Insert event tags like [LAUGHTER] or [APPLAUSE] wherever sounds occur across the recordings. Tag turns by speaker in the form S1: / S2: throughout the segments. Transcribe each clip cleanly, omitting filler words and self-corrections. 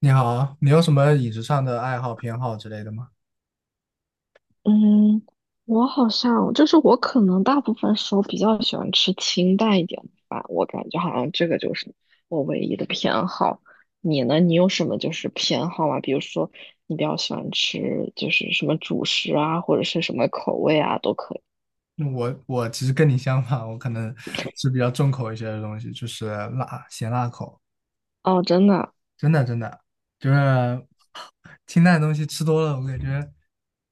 S1: 你好，你有什么饮食上的爱好、偏好之类的吗？
S2: 嗯，我好像就是我可能大部分时候比较喜欢吃清淡一点的饭，我感觉好像这个就是我唯一的偏好。你呢？你有什么就是偏好吗？比如说你比较喜欢吃就是什么主食啊，或者是什么口味啊，都可以。
S1: 我其实跟你相反，我可能 [LAUGHS] 是比较重口一些的东西，就是辣、咸辣口。
S2: 哦，真的。
S1: 真的真的，就是清淡的东西吃多了，我感觉，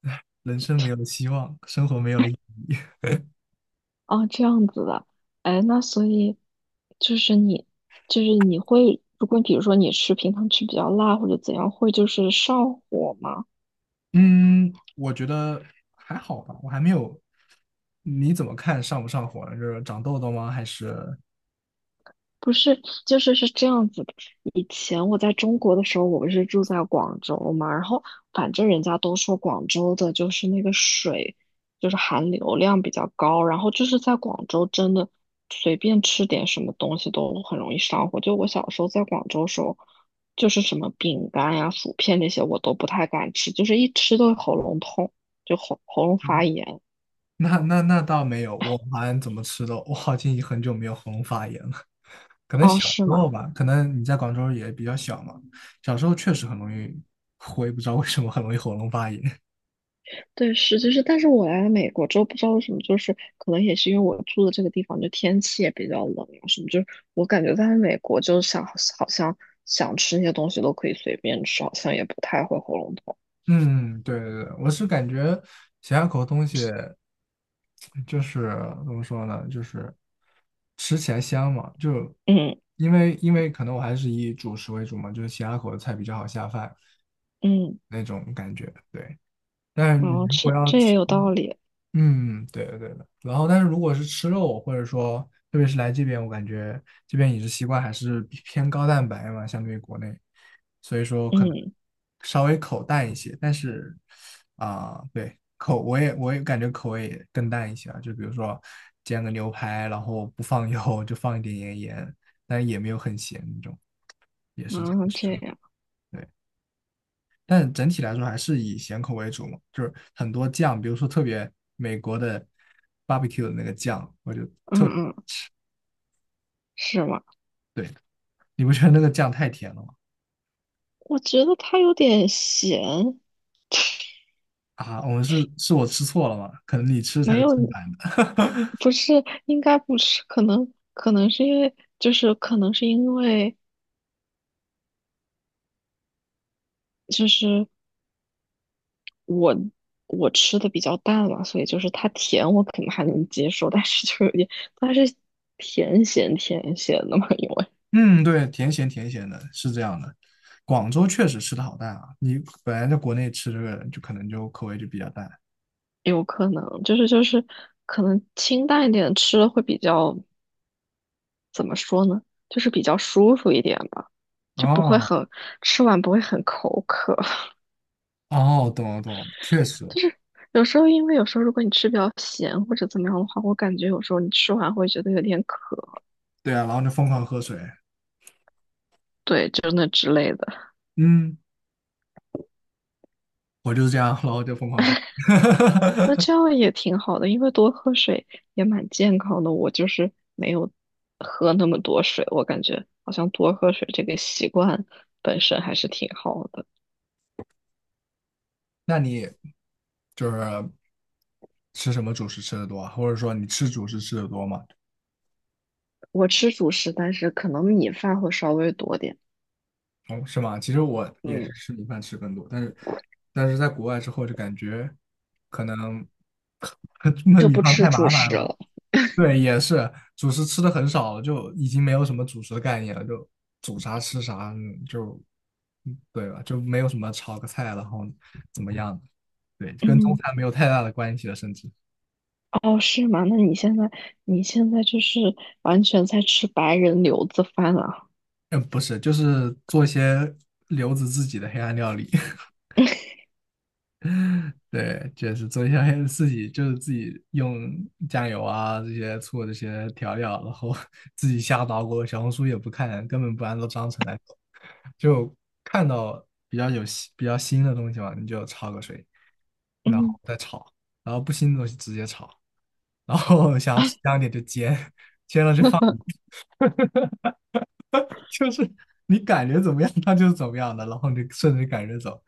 S1: 唉，人生没有了希望，生活没有了意义。
S2: 哦，这样子的。哎，那所以就是你会，如果比如说你平常吃比较辣或者怎样，会就是上火吗？
S1: 嗯，我觉得还好吧，我还没有。你怎么看上不上火呢？就是长痘痘吗？还是
S2: 不是，就是是这样子的。以前我在中国的时候，我不是住在广州嘛，然后反正人家都说广州的就是那个水，就是含硫量比较高，然后就是在广州真的随便吃点什么东西都很容易上火。就我小时候在广州的时候，就是什么饼干呀、薯片那些我都不太敢吃，就是一吃都喉咙痛，就喉咙发炎。
S1: 那倒没有，我好像怎么吃都，我好像已经很久没有喉咙发炎了。可能
S2: 哦，
S1: 小时
S2: 是
S1: 候
S2: 吗？
S1: 吧，可能你在广州也比较小嘛，小时候确实很容易，我也不知道为什么很容易喉咙发炎。
S2: 对，是就是，但是我来了美国之后，不知道为什么，就是可能也是因为我住的这个地方，就天气也比较冷啊什么，就是我感觉在美国，就是好像想吃那些东西都可以随便吃，好像也不太会喉咙痛。
S1: [LAUGHS] 嗯，对对对，我是感觉咸鸭口的东西就是怎么说呢，就是吃起来香嘛，就
S2: 嗯
S1: 因为可能我还是以主食为主嘛，就是咸鸭口的菜比较好下饭
S2: 嗯，
S1: 那种感觉。对，但
S2: 然
S1: 你
S2: 后
S1: 如果
S2: 这
S1: 要
S2: 这也
S1: 吃
S2: 有道理。
S1: 嗯，对的对的。然后，但是如果是吃肉，或者说特别是来这边，我感觉这边饮食习惯还是偏高蛋白嘛，相对于国内，所以说可能
S2: 嗯。
S1: 稍微口淡一些。但是啊、对，口我也感觉口味也更淡一些啊，就比如说煎个牛排，然后不放 [LAUGHS] 油，就放一点盐，但也没有很咸那种，也是这样
S2: 啊，
S1: 吃
S2: 这
S1: 的。
S2: 样。
S1: 对，但整体来说还是以咸口为主嘛，就是很多酱，比如说特别美国的 barbecue 的那个酱，我就
S2: 嗯嗯，是吗？
S1: 对，你不觉得那个酱太甜了吗？
S2: 我觉得它有点咸，
S1: 啊，我们是我吃错了吗？可能你吃才
S2: 没
S1: 是
S2: 有，
S1: 正版的。
S2: 不是，应该不是，可能是因为，就是我我吃的比较淡嘛，所以就是它甜我可能还能接受，但是就有点，它是甜咸甜咸的嘛，因为
S1: [LAUGHS] 嗯，对，甜咸甜咸的，是这样的。广州确实吃的好淡啊，你本来在国内吃这个就可能就口味就比较淡。
S2: 有可能就是可能清淡一点吃了会比较怎么说呢，就是比较舒服一点吧，就不会
S1: 哦
S2: 很吃完不会很口渴，
S1: 哦，懂了懂了，确
S2: [LAUGHS]
S1: 实，
S2: 就是有时候如果你吃比较咸或者怎么样的话，我感觉有时候你吃完会觉得有点渴，
S1: 对啊，然后就疯狂喝水，
S2: 对，就那之类的。
S1: 嗯，我就是这样，然后就疯狂喝。
S2: 那
S1: [LAUGHS]
S2: 这样也挺好的，因为多喝水也蛮健康的。我就是没有喝那么多水，我感觉好像多喝水这个习惯本身还是挺好的。
S1: 那你就是吃什么主食吃的多啊？或者说你吃主食吃的多吗？
S2: 我吃主食，但是可能米饭会稍微多点，
S1: 哦，是吗？其实我也
S2: 嗯，
S1: 是吃米饭吃更多，但是在国外之后就感觉可能 [LAUGHS] 焖
S2: 就
S1: 米
S2: 不
S1: 饭
S2: 吃
S1: 太
S2: 主
S1: 麻烦
S2: 食
S1: 了。
S2: 了。
S1: 对，也是主食吃的很少，就已经没有什么主食的概念了，就煮啥吃啥，嗯就嗯对吧？就没有什么炒个菜，然后怎么样的，对，就跟中
S2: 嗯，
S1: 餐没有太大的关系了，甚至。
S2: 哦，是吗？那你现在就是完全在吃白人留子饭啊？
S1: 嗯，不是，就是做一些留子自己的黑暗料理，[LAUGHS] 对，就是做一些黑自己，就是自己用酱油啊这些醋这些调料，然后 [LAUGHS] 自己瞎捣鼓，小红书也不看，根本不按照章程来走，就看到比较有新比较新的东西嘛，你就焯个水，然后
S2: 嗯。
S1: 再炒，然后不新的东西直接炒，然后 [LAUGHS] 想要吃香一点就煎，煎了就放。
S2: [LAUGHS]
S1: [LAUGHS] 就是你感觉怎么样，它就是怎么样的，然后你顺着感觉走，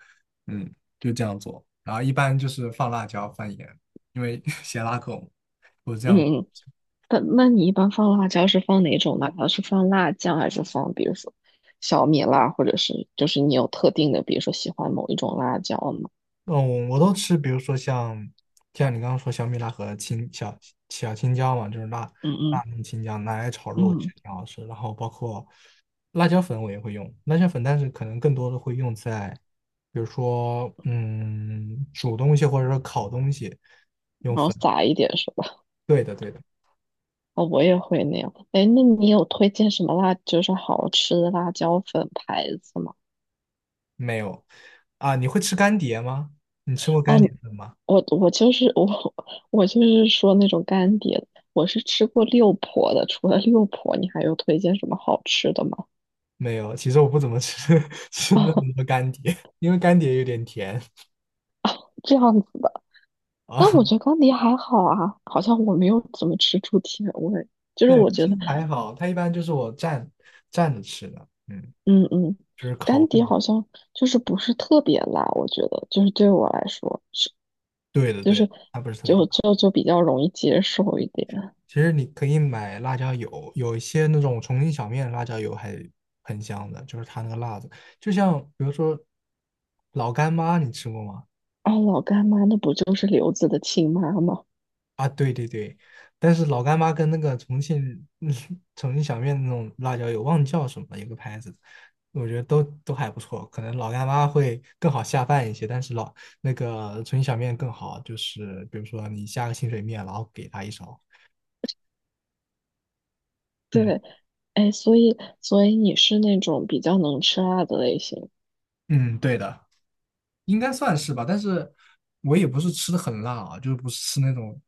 S1: 嗯，就这样做。然后一般就是放辣椒、放盐，因为 [LAUGHS] 咸辣口，我这样。
S2: 嗯，那你一般放辣椒是放哪种辣椒？是放辣酱还是放比如说小米辣，或者是就是你有特定的，比如说喜欢某一种辣椒吗？
S1: 嗯，我都吃，比如说像你刚刚说小米辣和青小青椒嘛，就是辣
S2: 嗯
S1: 辣
S2: 嗯
S1: 那青椒拿来炒肉其
S2: 嗯，
S1: 实挺好吃。然后包括辣椒粉我也会用辣椒粉，但是可能更多的会用在比如说嗯煮东西或者说烤东西。用
S2: 然后
S1: 粉，
S2: 撒一点是吧？[LAUGHS]
S1: 对的对的。
S2: 哦，我也会那样。哎，那你有推荐什么辣，就是好吃的辣椒粉牌子吗？
S1: 没有啊，你会吃干碟吗？你吃过
S2: 啊，
S1: 干碟粉吗？
S2: 我就是我就是说那种干碟的，我是吃过六婆的。除了六婆，你还有推荐什么好吃的吗？
S1: 没有，其实我不怎么吃 [LAUGHS]
S2: [LAUGHS]
S1: 吃那
S2: 啊，
S1: 么多干碟，因为干碟有点甜
S2: 这样子的。
S1: 啊。
S2: 但我
S1: [LAUGHS]
S2: 觉得干碟还好啊，好像我没有怎么吃出甜味，就是
S1: 对，
S2: 我觉
S1: 其实
S2: 得，
S1: 还好，它一般就是我蘸着吃的，嗯，
S2: 嗯嗯，
S1: 就是
S2: 干
S1: 烤
S2: 碟
S1: 肉。
S2: 好像就是不是特别辣，我觉得就是对我来说，
S1: 对的，
S2: 就
S1: 对的，
S2: 是
S1: 它不是特别
S2: 就
S1: 辣。
S2: 就就比较容易接受一点。
S1: 其实你可以买辣椒油，有一些那种重庆小面的辣椒油还很香的，就是它那个辣子，就像比如说老干妈，你吃过吗？
S2: 啊，老干妈那不就是刘子的亲妈吗？
S1: 啊，对对对，但是老干妈跟那个重庆嗯 [LAUGHS] 重庆小面那种辣椒油，忘记叫什么了，有个牌子，我觉得都还不错。可能老干妈会更好下饭一些，但是老那个重庆小面更好，就是比如说你下个清水面，然后给他一勺。嗯
S2: 对，哎，所以你是那种比较能吃辣的类型。
S1: 嗯，对的，应该算是吧。但是我也不是吃的很辣啊，就是不是吃那种，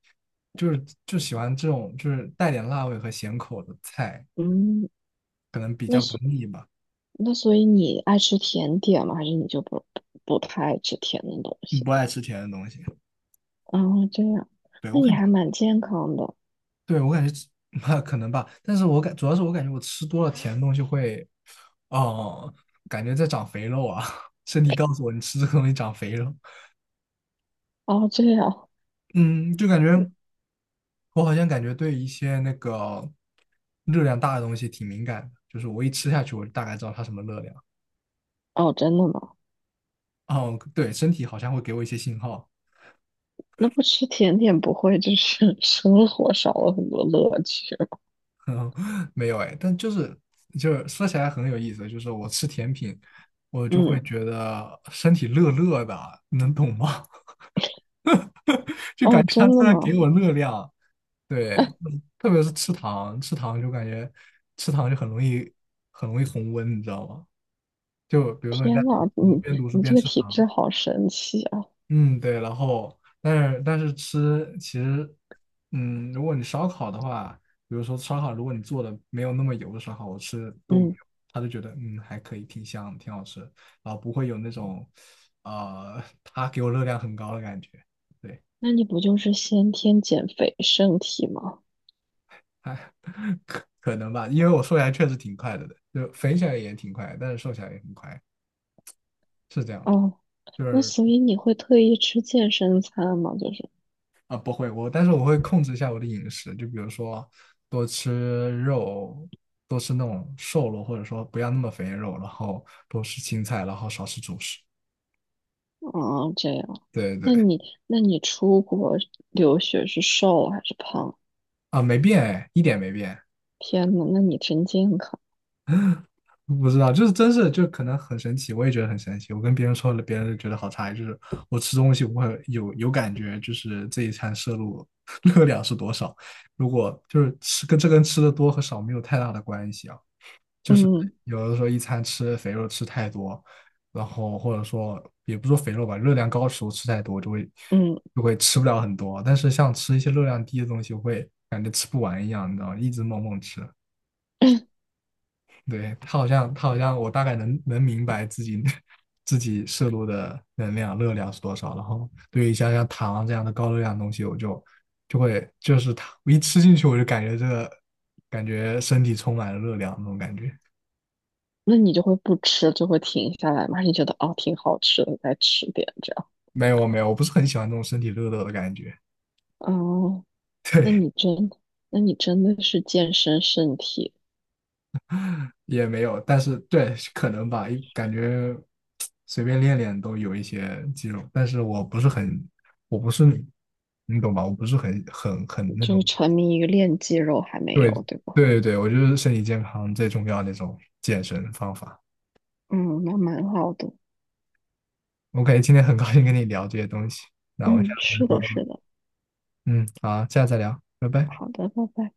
S1: 就是就喜欢这种就是带点辣味和咸口的菜，
S2: 嗯，
S1: 可能比
S2: 那
S1: 较不
S2: 所
S1: 腻吧，
S2: 那所以你爱吃甜点吗？还是你就不太爱吃甜的东
S1: 嗯
S2: 西？
S1: 不爱吃甜的东西。
S2: 哦，这样，
S1: 对，我
S2: 那你
S1: 感
S2: 还
S1: 觉。
S2: 蛮健康的。
S1: 对，我感觉吃 [LAUGHS] 可能吧，但是我主要是我感觉我吃多了甜的东西会，哦、感觉在长肥肉啊，[LAUGHS] 身体告诉我你吃这个东西长肥肉，
S2: 哦，这样。
S1: 嗯，就感觉我好像感觉对一些那个热量大的东西挺敏感的，就是我一吃下去，我就大概知道它什么热量。
S2: 哦，真的吗？
S1: 哦，对，身体好像会给我一些信号，
S2: 那不吃甜点不会就是 [LAUGHS] 生活少了很多乐趣吗？
S1: [LAUGHS] 没有哎，但就是说起来很有意思，就是我吃甜品，我就会
S2: 嗯。
S1: 觉得身体热热的啊，能懂吗？就
S2: 哦，
S1: 感觉他
S2: 真的
S1: 突然
S2: 吗？
S1: 给我热量。对，嗯特别是吃糖，吃糖就感觉吃糖就很容易红温，你知道吗？就比如说你在
S2: 天呐，
S1: 读书，
S2: 你
S1: 边读书
S2: 你
S1: 边
S2: 这个
S1: 吃
S2: 体
S1: 糖，
S2: 质好神奇啊！
S1: 嗯，对，然后但是吃其实，嗯，如果你烧烤的话，比如说烧烤，如果你做的没有那么油的烧烤，我吃都没有，
S2: 嗯，
S1: 他就觉得嗯还可以，挺香，挺好吃，然后不会有那种，它给我热量很高的感觉，对。
S2: 那你不就是先天减肥身体吗？
S1: [LAUGHS] 哎，可能吧，因为我瘦下来确实挺快的，就肥起来也挺快，但是瘦下来也很快，是这样的。
S2: 哦，
S1: 就
S2: 那
S1: 是
S2: 所以你会特意吃健身餐吗？就是，
S1: 啊，不会，我但是我会控制一下我的饮食，就比如说多吃肉，多吃那种瘦肉，或者说不要那么肥的肉，然后多吃青菜，然后少吃主食。
S2: 哦，这样，
S1: 对对
S2: 那
S1: 对，
S2: 你那你出国留学是瘦还是胖？
S1: 啊，没变哎，一点没变。
S2: 天呐，那你真健康。
S1: 不知道，就是真是就可能很神奇，我也觉得很神奇。我跟别人说了，别人就觉得好诧异，就是我吃东西我会有感觉，就是这一餐摄入 [LAUGHS] 热量是多少。如果就是吃跟吃的多和少没有太大的关系啊，就是
S2: 嗯。
S1: 有的时候一餐吃肥肉吃太多，然后或者说也不说肥肉吧，热量高的食物吃太多就会
S2: 嗯，
S1: 就会吃不了很多，但是像吃一些热量低的东西，我会感觉吃不完一样，你知道吗，一直猛猛吃。
S2: [CLEARS THROAT]
S1: 对，他好像,我大概能明白自己 [LAUGHS] 自己摄入的能量热量是多少。然后对于像糖啊这样的高热量的东西，我就是它我一吃进去，我就感觉身体充满了热量那种感觉。
S2: 那你就会不吃，就会停下来嘛？还是你觉得哦挺好吃的，再吃点这样？
S1: 没有没有，我不是很喜欢那种身体热热的感觉。
S2: 哦，
S1: [LAUGHS]
S2: 那
S1: 对，
S2: 你真，那你真的是健身身体，
S1: 也没有，但是对，可能吧，一感觉随便练练都有一些肌肉，但是我不是很，我不是，你懂吧？我不是很那
S2: 就
S1: 种
S2: 是沉迷于练肌肉还没
S1: 对
S2: 有，对吧？
S1: 对对，我觉得身体健康最重要的那种健身方法。
S2: 嗯，那蛮好的。
S1: OK，今天很高兴跟你聊这些东西，那我想下
S2: 嗯，
S1: 次再
S2: 是
S1: 说，
S2: 的，是的。
S1: 嗯，好，下次再聊，拜拜。
S2: 好的，拜拜。